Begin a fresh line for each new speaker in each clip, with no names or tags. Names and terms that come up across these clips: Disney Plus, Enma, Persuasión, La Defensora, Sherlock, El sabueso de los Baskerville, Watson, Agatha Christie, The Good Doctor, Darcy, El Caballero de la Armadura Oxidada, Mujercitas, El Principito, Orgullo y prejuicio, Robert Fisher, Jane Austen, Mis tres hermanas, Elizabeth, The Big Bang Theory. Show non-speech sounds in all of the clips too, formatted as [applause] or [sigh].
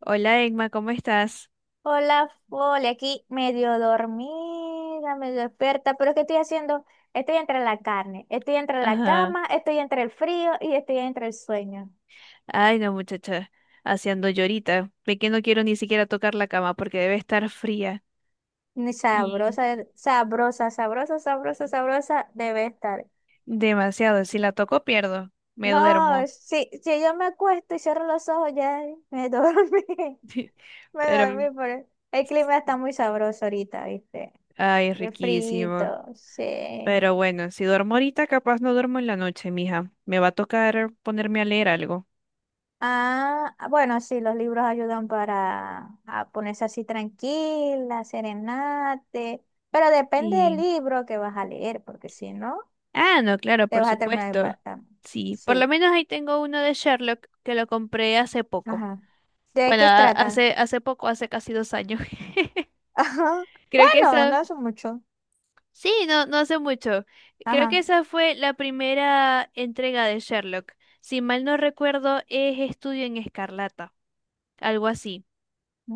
Hola, Emma, ¿cómo estás?
Hola, Fole, aquí medio dormida, medio despierta, pero ¿qué estoy haciendo? Estoy entre la carne, estoy entre la
Ajá.
cama, estoy entre el frío y estoy entre el sueño.
Ay, no, muchacha, haciendo llorita. Ve que no quiero ni siquiera tocar la cama porque debe estar fría.
Ni
Y
sabrosa, sabrosa, sabrosa, sabrosa, sabrosa debe estar.
Demasiado, si la toco pierdo, me
No,
duermo.
si yo me acuesto y cierro los ojos, ya me dormí, [laughs]
[laughs]
me dormí,
Pero,
pero el clima está muy sabroso ahorita, ¿viste?
ay,
Y el
riquísimo.
frito, sí.
Pero bueno, si duermo ahorita, capaz no duermo en la noche, mija. Me va a tocar ponerme a leer algo.
Ah, ah, bueno, sí, los libros ayudan para a ponerse así tranquila, serenate, pero depende del
y
libro que vas a leer, porque si no,
Ah, no, claro,
te
por
vas a terminar
supuesto.
impactando.
Sí, por lo
Sí,
menos ahí tengo uno de Sherlock que lo compré hace poco.
ajá. ¿De
Bueno,
qué
a-
trata?
hace, hace poco, hace casi 2 años.
[laughs] Ajá.
[laughs] Creo que
Bueno,
esa,
no es mucho.
sí, no, no hace mucho. Creo que
Ajá.
esa fue la primera entrega de Sherlock. Si mal no recuerdo, es Estudio en Escarlata, algo así.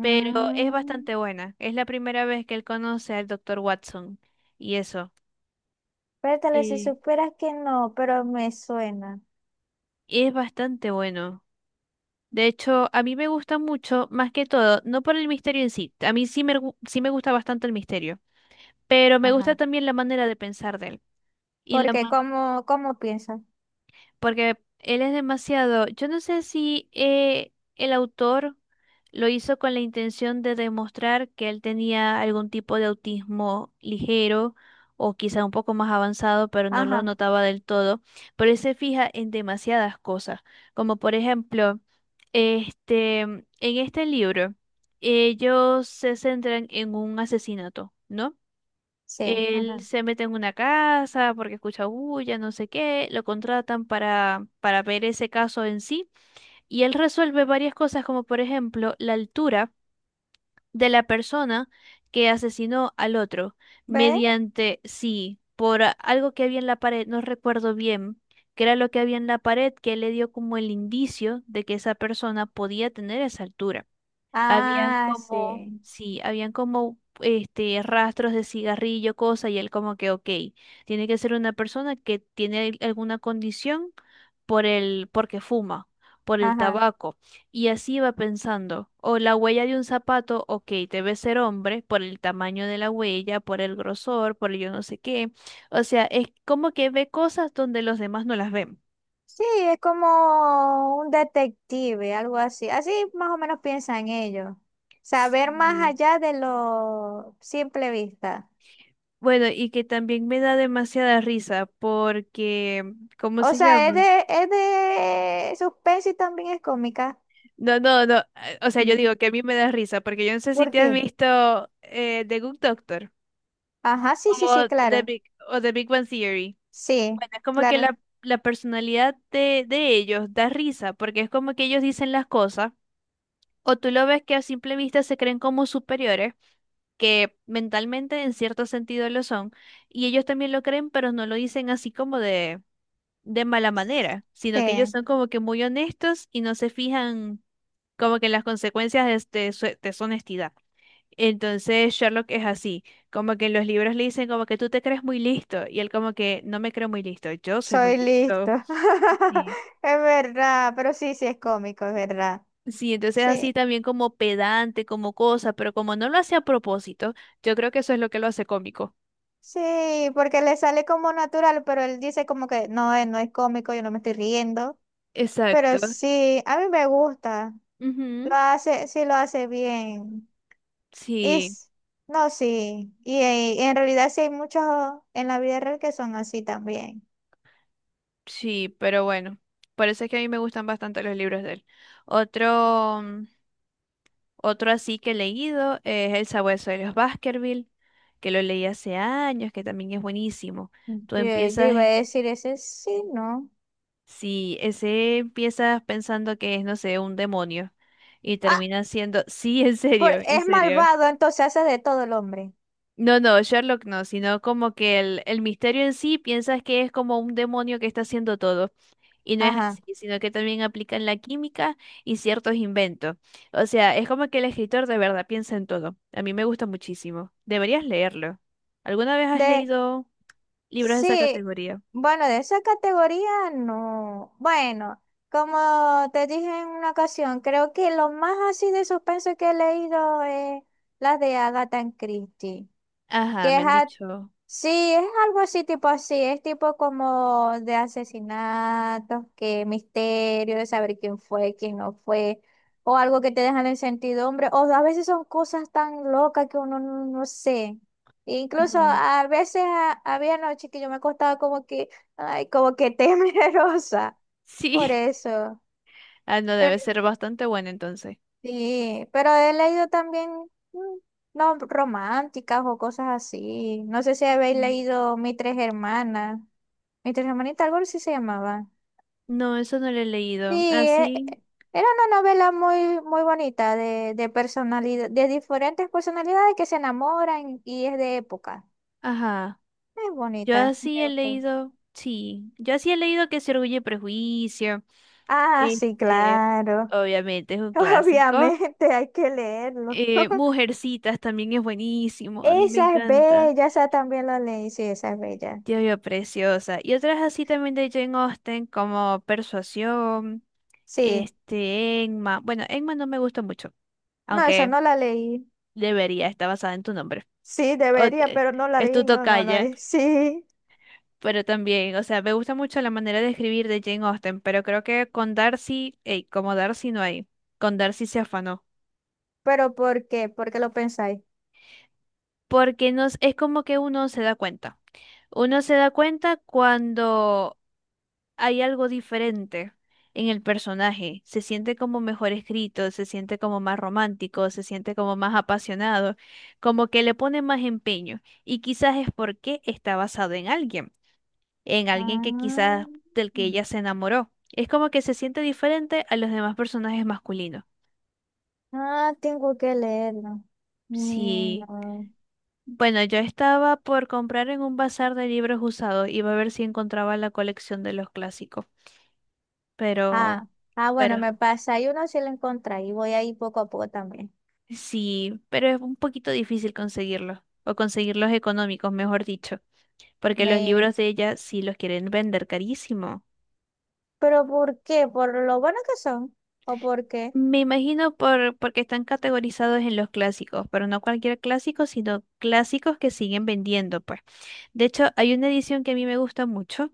Pero es bastante buena. Es la primera vez que él conoce al doctor Watson. Y eso.
espérate, si
Eh,
supieras que no, pero me suena.
es bastante bueno. De hecho, a mí me gusta mucho, más que todo, no por el misterio en sí. A mí sí me gusta bastante el misterio. Pero me gusta
Ajá.
también la manera de pensar de él. Y la
Porque
ma-
cómo piensas.
Porque él es demasiado, yo no sé si el autor lo hizo con la intención de demostrar que él tenía algún tipo de autismo ligero o quizá un poco más avanzado, pero no lo
Ajá,
notaba del todo, pero él se fija en demasiadas cosas, como por ejemplo, en este libro, ellos se centran en un asesinato, ¿no?
sí,
Él
ajá.
se mete en una casa porque escucha bulla, no sé qué, lo contratan para ver ese caso en sí y él resuelve varias cosas como por ejemplo la altura de la persona que asesinó al otro
¿Ve?
mediante, sí, algo que había en la pared, no recuerdo bien, que era lo que había en la pared que le dio como el indicio de que esa persona podía tener esa altura. habían
Ah,
como,
sí.
sí, habían como este rastros de cigarrillo, cosa, y él como que, ok, tiene que ser una persona que tiene alguna condición porque fuma, por el
Ajá.
tabaco. Y así va pensando. O la huella de un zapato, ok, debe ser hombre, por el tamaño de la huella, por el grosor, por el yo no sé qué. O sea, es como que ve cosas donde los demás no las ven.
Sí, es como un detective, algo así. Así más o menos piensan ellos. Saber más
Sí.
allá de lo simple vista.
Bueno, y que también me da demasiada risa porque, ¿cómo
O
se
sea, es
llama?
de, es de suspense y también es cómica.
No, no, no, o sea, yo
Mm.
digo que a mí me da risa porque yo no sé si
¿Por
te has
qué?
visto The Good Doctor
Ajá, sí, sí, sí,
o The
claro.
Big, o The Big Bang Theory.
Sí,
Bueno, es como que
claro.
la personalidad de ellos da risa porque es como que ellos dicen las cosas o tú lo ves que a simple vista se creen como superiores, que mentalmente en cierto sentido lo son, y ellos también lo creen, pero no lo dicen así como de mala manera, sino que ellos
Sí,
son como que muy honestos y no se fijan como que en las consecuencias de su honestidad. Entonces Sherlock es así, como que en los libros le dicen como que tú te crees muy listo y él como que no me creo muy listo, yo soy muy
soy listo.
listo.
[laughs]
Sí.
Es verdad, pero sí, sí es cómico, es verdad.
Sí, entonces así
Sí.
también como pedante, como cosa, pero como no lo hace a propósito, yo creo que eso es lo que lo hace cómico.
Sí, porque le sale como natural, pero él dice como que no, no es cómico, yo no me estoy riendo. Pero
Exacto.
sí, a mí me gusta. Lo
Ujú.
hace, sí lo hace bien. Y
Sí.
s- no, sí. Y, en realidad sí hay muchos en la vida real que son así también.
Sí, pero bueno, por eso es que a mí me gustan bastante los libros de él. Otro, otro así que he leído es El sabueso de los Baskerville, que lo leí hace años, que también es buenísimo. Tú
Yo, yo
empiezas,
iba a decir ese sí, no.
sí, ese empiezas pensando que es, no sé, un demonio y
Ah,
termina siendo, [laughs] sí, en
por,
serio, en
es
serio.
malvado, entonces hace de todo el hombre.
No, no, Sherlock no, sino como que el misterio en sí piensas que es como un demonio que está haciendo todo. Y no es
Ajá.
así, sino que también aplican la química y ciertos inventos. O sea, es como que el escritor de verdad piensa en todo. A mí me gusta muchísimo. Deberías leerlo. ¿Alguna vez has
De
leído libros de esa
sí,
categoría?
bueno, de esa categoría no. Bueno, como te dije en una ocasión, creo que lo más así de suspenso que he leído es las de Agatha Christie.
Ajá,
Que es
me han
a-
dicho.
sí, es algo así, tipo así, es tipo como de asesinatos, que misterio, de saber quién fue, quién no fue, o algo que te dejan en sentidumbre, o a veces son cosas tan locas que uno no, no sé. Incluso
Ajá.
a veces a- había noches que yo me acostaba como que, ay, como que [laughs] temerosa, por
Sí. [laughs]
eso.
Ah, no, debe ser bastante bueno entonces.
Sí, pero he leído también mm, no románticas o cosas así. No sé si habéis
Mm.
leído Mis tres hermanas. Mis tres hermanitas, algo así se llamaba.
No, eso no lo he
Sí,
leído.
e-
Así,
e- era una novela muy, muy bonita de personalidad, de diferentes personalidades que se enamoran y es de época.
ajá.
Es
Yo
bonita,
así
me
he
gustó.
leído, sí. Yo así he leído que se orgulle y prejuicio.
Ah, sí,
Este,
claro.
obviamente es
[laughs]
un clásico.
Obviamente hay que leerlo. [laughs]
Mujercitas también es buenísimo, a mí me
Esa es
encanta.
bella, esa también la leí, sí, esa es bella.
Dios mío, preciosa. Y otras así también de Jane Austen, como Persuasión,
Sí,
Enma. Bueno, Enma no me gusta mucho,
no, esa
aunque
no la leí.
debería, está basada en tu nombre.
Sí,
O-
debería,
eh,
pero no la
es tu
leí. No, no, no.
tocaya,
[laughs] Sí.
pero también, o sea, me gusta mucho la manera de escribir de Jane Austen, pero creo que con Darcy, ey, como Darcy no hay, con Darcy se afanó.
¿Pero por qué? ¿Por qué lo pensáis?
Es como que uno se da cuenta. Uno se da cuenta cuando hay algo diferente en el personaje. Se siente como mejor escrito, se siente como más romántico, se siente como más apasionado, como que le pone más empeño. Y quizás es porque está basado en alguien que
Ah,
quizás del que ella se enamoró. Es como que se siente diferente a los demás personajes masculinos.
ah, tengo que leerlo. Ni
Sí.
no.
Bueno, yo estaba por comprar en un bazar de libros usados. Iba a ver si encontraba la colección de los clásicos. Pero,
Ah, ah,
pero
bueno, me pasa. Hay uno si lo encontré y voy ahí poco a poco también.
Sí, pero es un poquito difícil conseguirlos, o conseguirlos económicos, mejor dicho, porque los
Me...
libros de ella sí los quieren vender carísimo.
¿Pero por qué? ¿Por lo bueno que son? ¿O por qué?
Me imagino por, porque están categorizados en los clásicos, pero no cualquier clásico, sino clásicos que siguen vendiendo, pues. De hecho, hay una edición que a mí me gusta mucho,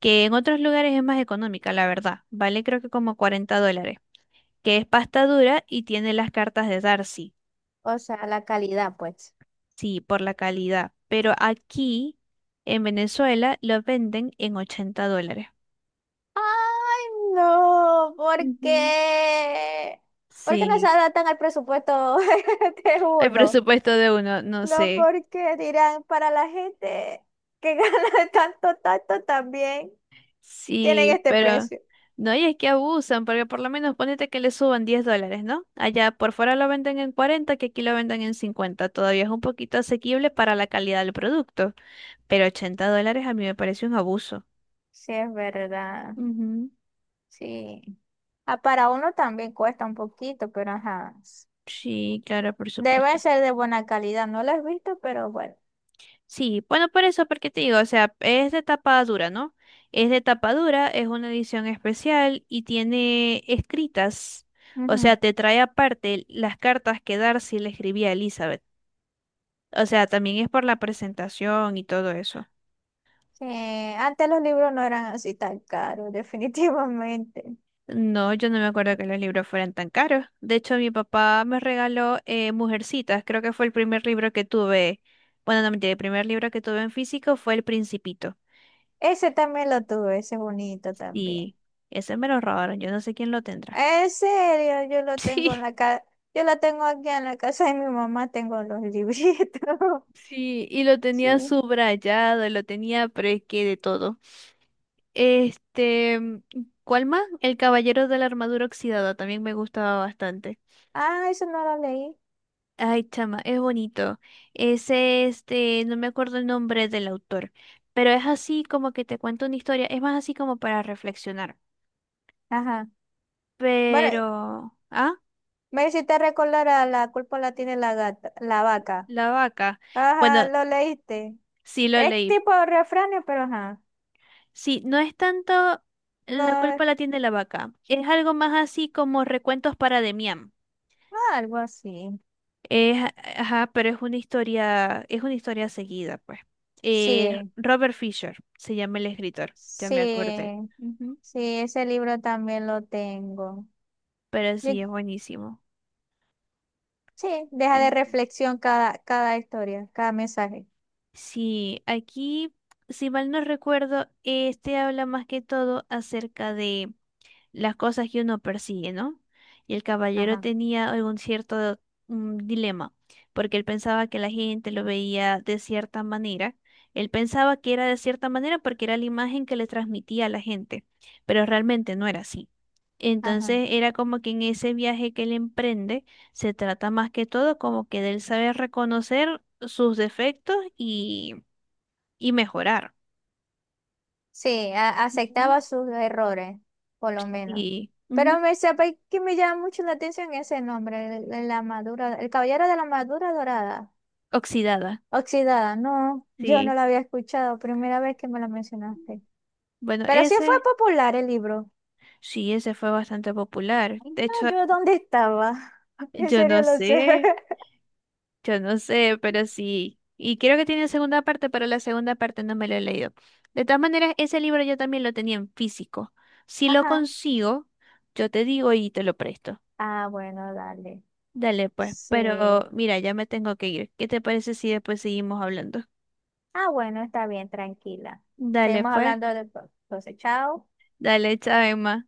que en otros lugares es más económica, la verdad. Vale creo que como $40, que es pasta dura y tiene las cartas de Darcy.
O sea, la calidad, pues.
Sí, por la calidad. Pero aquí en Venezuela lo venden en $80.
¡Ay, no! ¿Por
Ujú.
qué? ¿Por qué no se
Sí.
adaptan al presupuesto [laughs] de
El
uno?
presupuesto de uno, no
No,
sé.
porque dirán, para la gente que [laughs] gana tanto, tanto, también tienen
Sí,
este
pero
precio.
no, y es que abusan, porque por lo menos ponete que le suban $10, ¿no? Allá por fuera lo venden en 40, que aquí lo venden en 50, todavía es un poquito asequible para la calidad del producto, pero $80 a mí me parece un abuso.
Sí, es verdad.
Ujú.
Sí. Ah, para uno también cuesta un poquito, pero ajá.
Sí, claro, por
Debe
supuesto.
ser de buena calidad. No lo he visto, pero bueno.
Sí, bueno, por eso, porque te digo, o sea, es de tapa dura, ¿no? Es de tapa dura, es una edición especial y tiene escritas, o
Ujú.
sea, te trae aparte las cartas que Darcy le escribía a Elizabeth. O sea, también es por la presentación y todo eso.
Sí, antes los libros no eran así tan caros, [laughs] definitivamente.
No, yo no me acuerdo que los libros fueran tan caros. De hecho, mi papá me regaló Mujercitas, creo que fue el primer libro que tuve. Bueno, no mentira, el primer libro que tuve en físico fue El Principito.
Ese también lo tuve, ese bonito también.
Y ese me lo robaron, yo no sé quién lo tendrá.
En serio, yo
[laughs]
lo tengo en
Sí.
la ca Yo la tengo aquí en la casa de mi mamá, tengo los libritos. [laughs]
Sí, y lo
Sí.
tenía subrayado, lo tenía, pero es que de todo. Este, mm, ¿Cuál más? El Caballero de la Armadura Oxidada, también me gustaba bastante.
Ah, eso no lo leí.
Ay, chama, es bonito. Ese, no me acuerdo el nombre del autor, pero es así como que te cuento una historia, es más así como para reflexionar.
Ajá. Bueno,
Pero, ah,
me hiciste recordar a la culpa la tiene la gata, la vaca.
la vaca.
Ajá,
Bueno,
lo leíste.
sí lo
Es
leí.
tipo refrán, pero ajá.
Sí, no es tanto la
No,
culpa la tiene la vaca, es algo más así como recuentos para Demián.
algo así.
Es, ajá, pero es una historia seguida, pues.
Sí,
Robert Fisher se llama el escritor, ya me acordé.
sí,
Ujú.
sí, ese libro también lo tengo.
Pero
Yo-
sí, es buenísimo.
sí, deja de
El-
reflexión cada, cada historia, cada mensaje.
sí, aquí, si mal no recuerdo, este habla más que todo acerca de las cosas que uno persigue, ¿no? Y el caballero
Ajá,
tenía algún cierto dilema, porque él pensaba que la gente lo veía de cierta manera. Él pensaba que era de cierta manera porque era la imagen que le transmitía a la gente, pero realmente no era así.
ajá.
Entonces era como que en ese viaje que él emprende se trata más que todo como que de él saber reconocer sus defectos y mejorar.
Sí, a-
Ujú.
aceptaba sus errores, por lo menos.
Y ujú,
Pero me sabe que me llama mucho la atención ese nombre, el la madura, el caballero de la madura dorada,
oxidada,
oxidada. No, yo no
sí.
la había escuchado, primera vez que me la mencionaste.
Bueno,
Pero sí fue
ese.
popular el libro.
Sí, ese fue bastante popular.
Ay,
De hecho,
no, yo dónde estaba. [laughs] En
yo
serio
no
lo sé.
sé,
[laughs]
yo no sé, pero sí. Y creo que tiene segunda parte, pero la segunda parte no me lo he leído. De todas maneras, ese libro yo también lo tenía en físico. Si lo
Ajá.
consigo, yo te digo y te lo presto.
Ah, bueno, dale.
Dale, pues.
Sí.
Pero mira, ya me tengo que ir. ¿Qué te parece si después seguimos hablando?
Ah, bueno, está bien, tranquila.
Dale,
Seguimos
pues.
hablando después. Entonces, chao.
Dale, chao, Emma.